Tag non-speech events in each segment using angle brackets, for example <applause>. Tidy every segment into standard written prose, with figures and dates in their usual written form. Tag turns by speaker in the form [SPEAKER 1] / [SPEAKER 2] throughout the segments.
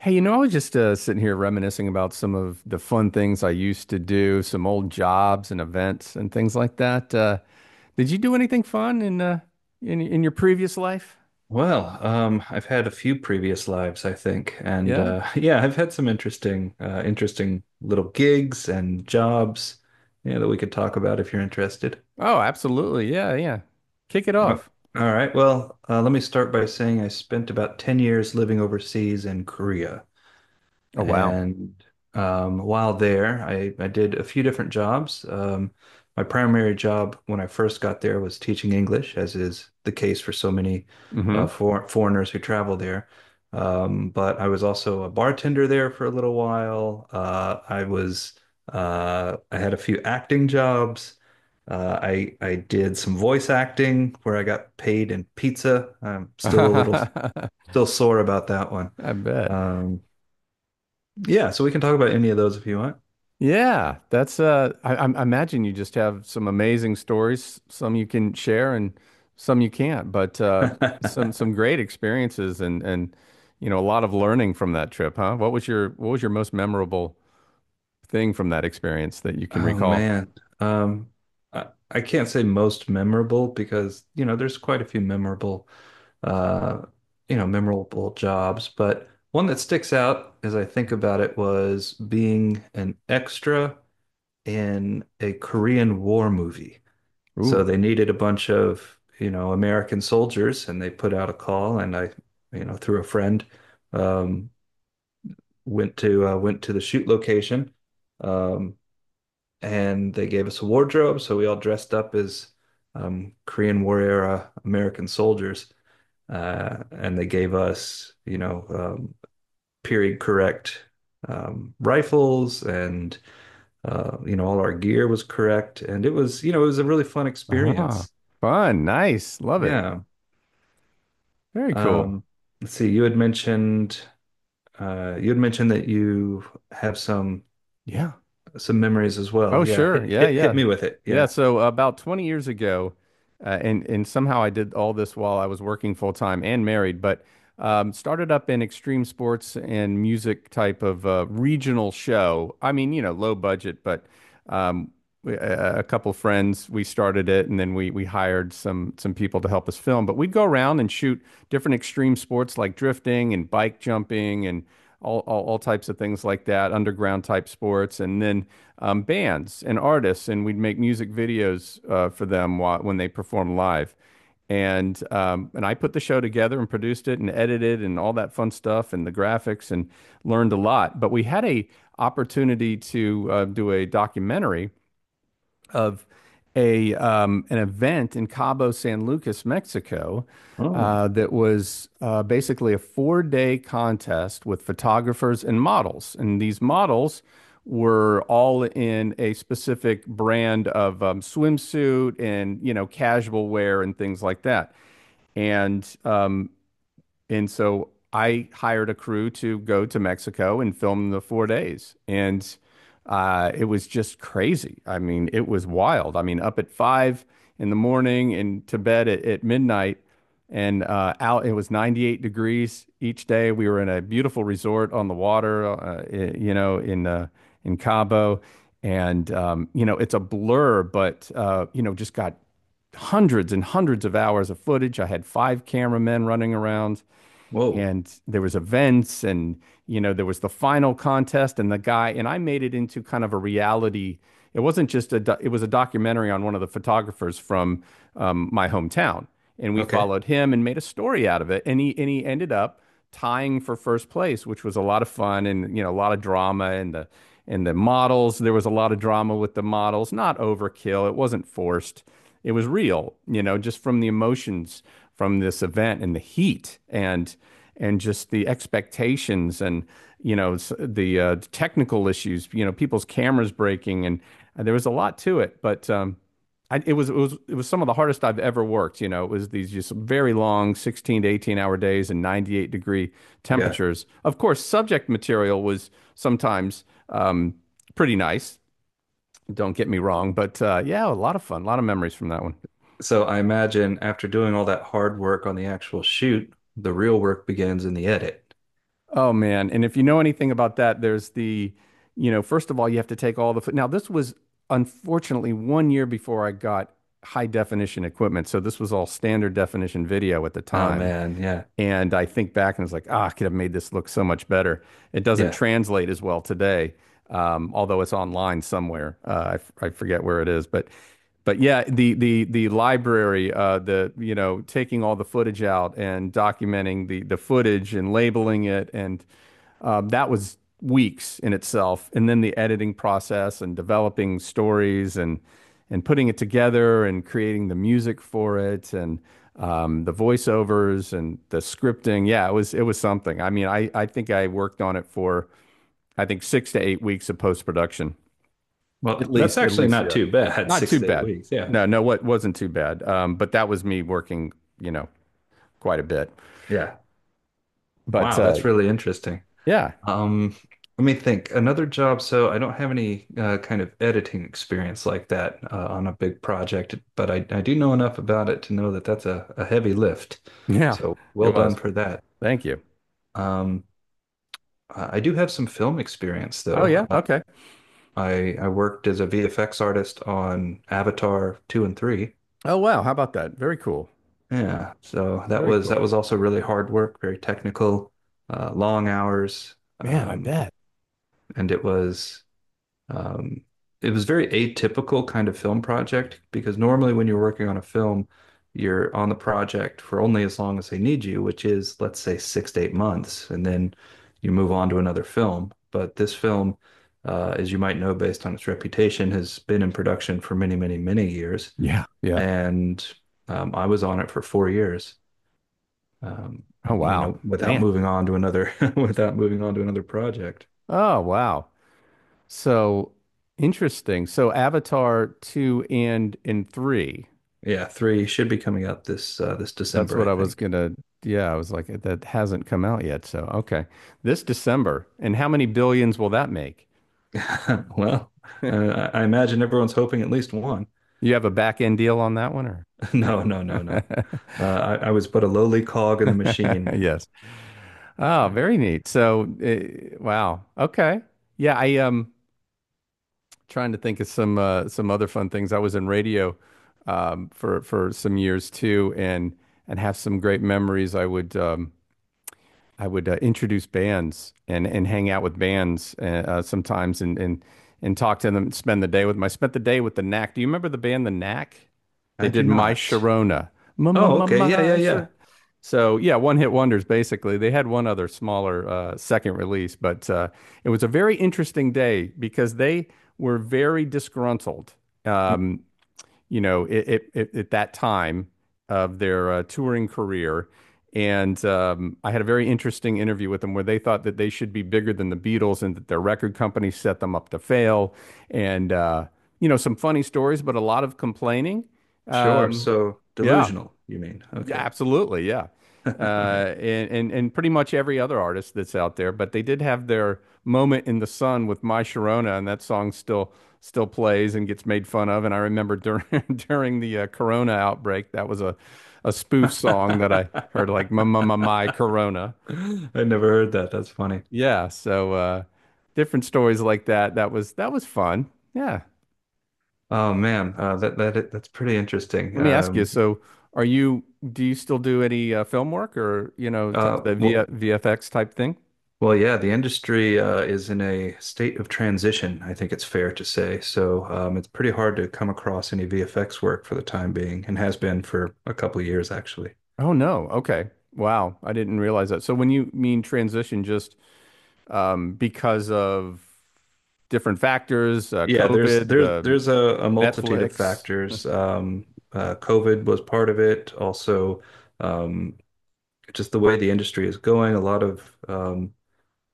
[SPEAKER 1] Hey, you know, I was just sitting here reminiscing about some of the fun things I used to do, some old jobs and events and things like that. Did you do anything fun in in your previous life?
[SPEAKER 2] I've had a few previous lives, I think, and
[SPEAKER 1] Yeah.
[SPEAKER 2] <laughs> yeah, I've had some interesting, interesting little gigs and jobs, yeah, that we could talk about if you're interested.
[SPEAKER 1] Oh, absolutely. Yeah, yeah. Kick it
[SPEAKER 2] Oh,
[SPEAKER 1] off.
[SPEAKER 2] all right. Let me start by saying I spent about 10 years living overseas in Korea.
[SPEAKER 1] Oh, wow.
[SPEAKER 2] And while there, I did a few different jobs. My primary job when I first got there was teaching English, as is the case for so many
[SPEAKER 1] Mm-hmm.
[SPEAKER 2] for foreigners who travel there. But I was also a bartender there for a little while. I had a few acting jobs. I did some voice acting where I got paid in pizza. I'm still a little
[SPEAKER 1] <laughs>
[SPEAKER 2] still sore about that one.
[SPEAKER 1] I bet.
[SPEAKER 2] Um, yeah, so we can talk about any of those if you want.
[SPEAKER 1] Yeah, that's I imagine you just have some amazing stories, some you can share and some you can't, but some
[SPEAKER 2] <laughs>
[SPEAKER 1] some great experiences and and a lot of learning from that trip, huh? What was your most memorable thing from that experience that you can
[SPEAKER 2] Oh
[SPEAKER 1] recall?
[SPEAKER 2] man. Um I can't say most memorable because, you know, there's quite a few memorable uh you know, memorable jobs, but one that sticks out as I think about it was being an extra in a Korean War movie. So
[SPEAKER 1] Ooh.
[SPEAKER 2] they needed a bunch of, you know, American soldiers and they put out a call and I, you know, through a friend, um went to went to the shoot location, um, and they gave us a wardrobe, so we all dressed up as Korean War era American soldiers, and they gave us, you know, period correct rifles, and you know, all our gear was correct, and it was, you know, it was a really fun
[SPEAKER 1] Ah,
[SPEAKER 2] experience.
[SPEAKER 1] fun, nice, love it.
[SPEAKER 2] Yeah.
[SPEAKER 1] Very cool.
[SPEAKER 2] Um, let's see, you had mentioned that you have
[SPEAKER 1] Yeah.
[SPEAKER 2] some memories as
[SPEAKER 1] Oh,
[SPEAKER 2] well. Yeah,
[SPEAKER 1] sure.
[SPEAKER 2] hit
[SPEAKER 1] Yeah,
[SPEAKER 2] hit hit
[SPEAKER 1] yeah.
[SPEAKER 2] me with it.
[SPEAKER 1] Yeah,
[SPEAKER 2] Yeah.
[SPEAKER 1] so about 20 years ago, and somehow I did all this while I was working full time and married, but started up in extreme sports and music type of regional show. I mean, you know, low budget, but um, we, a couple friends we started it, and then we hired some people to help us film, but we'd go around and shoot different extreme sports like drifting and bike jumping and all types of things like that, underground type sports. And then bands and artists, and we'd make music videos for them when they perform live. And I put the show together and produced it and edited and all that fun stuff and the graphics, and learned a lot. But we had a opportunity to do a documentary of a an event in Cabo San Lucas, Mexico,
[SPEAKER 2] Oh,
[SPEAKER 1] that was basically a 4 day contest with photographers and models, and these models were all in a specific brand of swimsuit, and you know, casual wear and things like that. And um, and so I hired a crew to go to Mexico and film the 4 days. And it was just crazy. I mean, it was wild. I mean, up at five in the morning and to bed at midnight. And it was 98 degrees each day. We were in a beautiful resort on the water, you know, in Cabo. And you know, it's a blur, but you know, just got hundreds and hundreds of hours of footage. I had five cameramen running around,
[SPEAKER 2] Whoa.
[SPEAKER 1] and there was events, and you know, there was the final contest, and the guy and I made it into kind of a reality. It wasn't just a it was a documentary on one of the photographers from my hometown, and we
[SPEAKER 2] Okay.
[SPEAKER 1] followed him and made a story out of it, and he ended up tying for first place, which was a lot of fun. And you know, a lot of drama, and the models. There was a lot of drama with the models, not overkill. It wasn't forced. It was real, you know, just from the emotions from this event and the heat and just the expectations and you know the technical issues. You know, people's cameras breaking, and there was a lot to it, but I, it was it was some of the hardest I've ever worked. You know, it was these just very long 16 to 18 hour days and 98-degree
[SPEAKER 2] Yeah.
[SPEAKER 1] temperatures. Of course, subject material was sometimes um, pretty nice. Don't get me wrong, but yeah, a lot of fun, a lot of memories from that one.
[SPEAKER 2] So I imagine after doing all that hard work on the actual shoot, the real work begins in the edit.
[SPEAKER 1] Oh man! And if you know anything about that, there's you know, first of all, you have to take all the. Now this was unfortunately 1 year before I got high definition equipment, so this was all standard definition video at the
[SPEAKER 2] Oh
[SPEAKER 1] time.
[SPEAKER 2] man, yeah.
[SPEAKER 1] And I think back and it's like, ah, I could have made this look so much better. It doesn't
[SPEAKER 2] Yeah.
[SPEAKER 1] translate as well today, although it's online somewhere. I forget where it is, but yeah, the library, the, you know, taking all the footage out and documenting the footage and labeling it, and that was weeks in itself. And then the editing process and developing stories, and putting it together, and creating the music for it, and the voiceovers and the scripting. Yeah, it was something. I mean, I think I worked on it for I think 6 to 8 weeks of post production at
[SPEAKER 2] Well, that's
[SPEAKER 1] least. At
[SPEAKER 2] actually
[SPEAKER 1] least,
[SPEAKER 2] not
[SPEAKER 1] yeah,
[SPEAKER 2] too bad. <laughs>
[SPEAKER 1] not
[SPEAKER 2] Six
[SPEAKER 1] too
[SPEAKER 2] to eight
[SPEAKER 1] bad.
[SPEAKER 2] weeks. Yeah.
[SPEAKER 1] No, no, what wasn't too bad. But that was me working, you know, quite a bit.
[SPEAKER 2] Yeah.
[SPEAKER 1] But
[SPEAKER 2] Wow, that's really interesting.
[SPEAKER 1] yeah,
[SPEAKER 2] Um, Let me think. Another job. So I don't have any kind of editing experience like that on a big project, but I do know enough about it to know that that's a heavy lift.
[SPEAKER 1] <laughs> yeah,
[SPEAKER 2] So well
[SPEAKER 1] it
[SPEAKER 2] done
[SPEAKER 1] was.
[SPEAKER 2] for that.
[SPEAKER 1] Thank you.
[SPEAKER 2] Um, I do have some film experience
[SPEAKER 1] Oh
[SPEAKER 2] though.
[SPEAKER 1] yeah,
[SPEAKER 2] Uh,
[SPEAKER 1] okay.
[SPEAKER 2] I I worked as a VFX artist on Avatar 2 and 3.
[SPEAKER 1] Oh wow, how about that? Very cool.
[SPEAKER 2] Yeah, so that
[SPEAKER 1] Very
[SPEAKER 2] was
[SPEAKER 1] cool.
[SPEAKER 2] that was also really hard work, very technical, long hours,
[SPEAKER 1] Man, I bet.
[SPEAKER 2] and Um, it was very atypical kind of film project because normally when you're working on a film, you're on the project for only as long as they need you, which is, let's say, 6 to 8 months, and then you move on to another film. But this film, as you might know, based on its reputation, has been in production for many, many, many years,
[SPEAKER 1] Yeah. Yeah.
[SPEAKER 2] and I was on it for 4 years. Um,
[SPEAKER 1] Oh
[SPEAKER 2] you
[SPEAKER 1] wow.
[SPEAKER 2] know, without
[SPEAKER 1] Man.
[SPEAKER 2] moving on to another, <laughs> without moving on to another project.
[SPEAKER 1] Oh wow. So interesting. So Avatar 2 and 3.
[SPEAKER 2] Yeah, three should be coming out this this
[SPEAKER 1] That's
[SPEAKER 2] December, I
[SPEAKER 1] what I was
[SPEAKER 2] think.
[SPEAKER 1] gonna yeah, I was like, that hasn't come out yet. So okay. This December. And how many billions will that make?
[SPEAKER 2] <laughs> Well, I imagine everyone's hoping at least one. <laughs>
[SPEAKER 1] You have a back end deal on that one or?
[SPEAKER 2] No, no, no, no.
[SPEAKER 1] <laughs>
[SPEAKER 2] Uh, I was but a lowly cog in the machine.
[SPEAKER 1] Yes. Oh,
[SPEAKER 2] Yeah.
[SPEAKER 1] very neat. Wow. Okay. Yeah, I trying to think of some other fun things. I was in radio for some years too, and have some great memories. I would introduce bands and hang out with bands sometimes and talk to them. Spend the day with them. I spent the day with the Knack. Do you remember the band the Knack? They
[SPEAKER 2] I do
[SPEAKER 1] did My
[SPEAKER 2] not.
[SPEAKER 1] Sharona. Ma ma
[SPEAKER 2] Oh,
[SPEAKER 1] ma
[SPEAKER 2] okay. Yeah,
[SPEAKER 1] ma
[SPEAKER 2] yeah, yeah.
[SPEAKER 1] Sharona. So yeah, one hit wonders basically. They had one other smaller second release, but it was a very interesting day because they were very disgruntled,
[SPEAKER 2] Mm,
[SPEAKER 1] um, you know, at that time of their touring career. And I had a very interesting interview with them, where they thought that they should be bigger than the Beatles, and that their record company set them up to fail. And, you know, some funny stories, but a lot of complaining.
[SPEAKER 2] sure.
[SPEAKER 1] Um,
[SPEAKER 2] So
[SPEAKER 1] yeah,
[SPEAKER 2] delusional, you mean?
[SPEAKER 1] yeah,
[SPEAKER 2] Okay.
[SPEAKER 1] absolutely. Yeah.
[SPEAKER 2] <laughs> All right.
[SPEAKER 1] And, and pretty much every other artist that's out there, but they did have their moment in the sun with My Sharona, and that song still plays and gets made fun of. And I remember during <laughs> during the Corona outbreak, that was a
[SPEAKER 2] <laughs>
[SPEAKER 1] spoof
[SPEAKER 2] I
[SPEAKER 1] song that I heard like my Corona.
[SPEAKER 2] never heard that. That's funny.
[SPEAKER 1] Yeah, so different stories like that. That was fun. Yeah.
[SPEAKER 2] Oh man, that that's pretty interesting.
[SPEAKER 1] Let me ask you. So, are you, do you still do any film work, or you know, type
[SPEAKER 2] Uh,
[SPEAKER 1] of the v
[SPEAKER 2] well,
[SPEAKER 1] VFX type thing?
[SPEAKER 2] Well, yeah, the industry is in a state of transition, I think it's fair to say. So it's pretty hard to come across any VFX work for the time being, and has been for a couple of years actually.
[SPEAKER 1] Oh no. Okay. Wow. I didn't realize that. So when you mean transition, just because of different factors,
[SPEAKER 2] Yeah, there's
[SPEAKER 1] COVID,
[SPEAKER 2] there's
[SPEAKER 1] the
[SPEAKER 2] there's a multitude of
[SPEAKER 1] Netflix.
[SPEAKER 2] factors. COVID was part of it. Also, um, just the way the industry is going, a lot of um,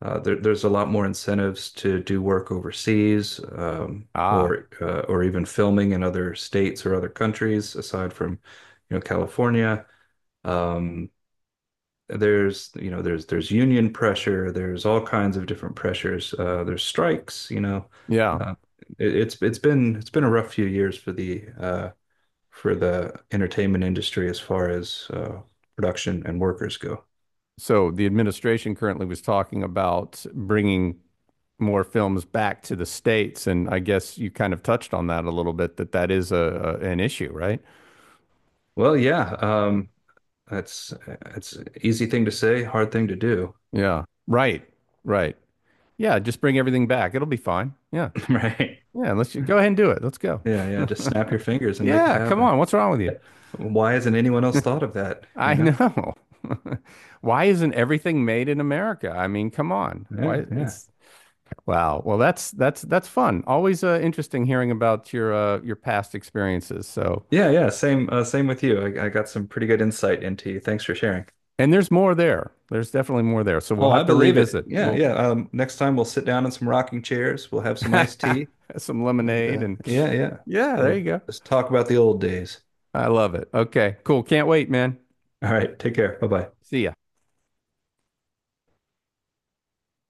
[SPEAKER 2] There's a lot more incentives to do work overseas,
[SPEAKER 1] Ah,
[SPEAKER 2] or even filming in other states or other countries aside from, you know, California. Um, there's you know there's union pressure. There's all kinds of different pressures. There's strikes. You know,
[SPEAKER 1] yeah.
[SPEAKER 2] uh, it's been a rough few years for the entertainment industry as far as production and workers go.
[SPEAKER 1] So the administration currently was talking about bringing more films back to the States, and I guess you kind of touched on that a little bit, that that is a an issue, right?
[SPEAKER 2] Well, yeah. That's it's easy thing to say, hard thing to do,
[SPEAKER 1] Yeah. Right. Right. Yeah. Just bring everything back. It'll be fine. Yeah.
[SPEAKER 2] <laughs> right?
[SPEAKER 1] Yeah, go ahead and do it. Let's go.
[SPEAKER 2] Yeah, yeah. Just snap
[SPEAKER 1] <laughs>
[SPEAKER 2] your fingers and make it
[SPEAKER 1] Yeah, come
[SPEAKER 2] happen.
[SPEAKER 1] on. What's wrong with you?
[SPEAKER 2] Yeah. Why hasn't anyone else thought of that? You
[SPEAKER 1] I
[SPEAKER 2] know?
[SPEAKER 1] know. <laughs> Why isn't everything made in America? I mean, come on.
[SPEAKER 2] Yeah,
[SPEAKER 1] Why
[SPEAKER 2] yeah,
[SPEAKER 1] it's wow. Well, that's fun. Always interesting hearing about your past experiences. So,
[SPEAKER 2] yeah, yeah. Same, same with you. I got some pretty good insight into you. Thanks for sharing.
[SPEAKER 1] and there's more there. There's definitely more there. So we'll
[SPEAKER 2] Oh, I
[SPEAKER 1] have to
[SPEAKER 2] believe it.
[SPEAKER 1] revisit.
[SPEAKER 2] Yeah,
[SPEAKER 1] We'll
[SPEAKER 2] yeah. Next time we'll sit down in some rocking chairs. We'll have some iced tea,
[SPEAKER 1] <laughs> some
[SPEAKER 2] and
[SPEAKER 1] lemonade and
[SPEAKER 2] yeah, yeah.
[SPEAKER 1] yeah, there you
[SPEAKER 2] We'll
[SPEAKER 1] go.
[SPEAKER 2] just talk about the old days.
[SPEAKER 1] I love it. Okay, cool. Can't wait, man.
[SPEAKER 2] All right. Take care. Bye bye.
[SPEAKER 1] See ya.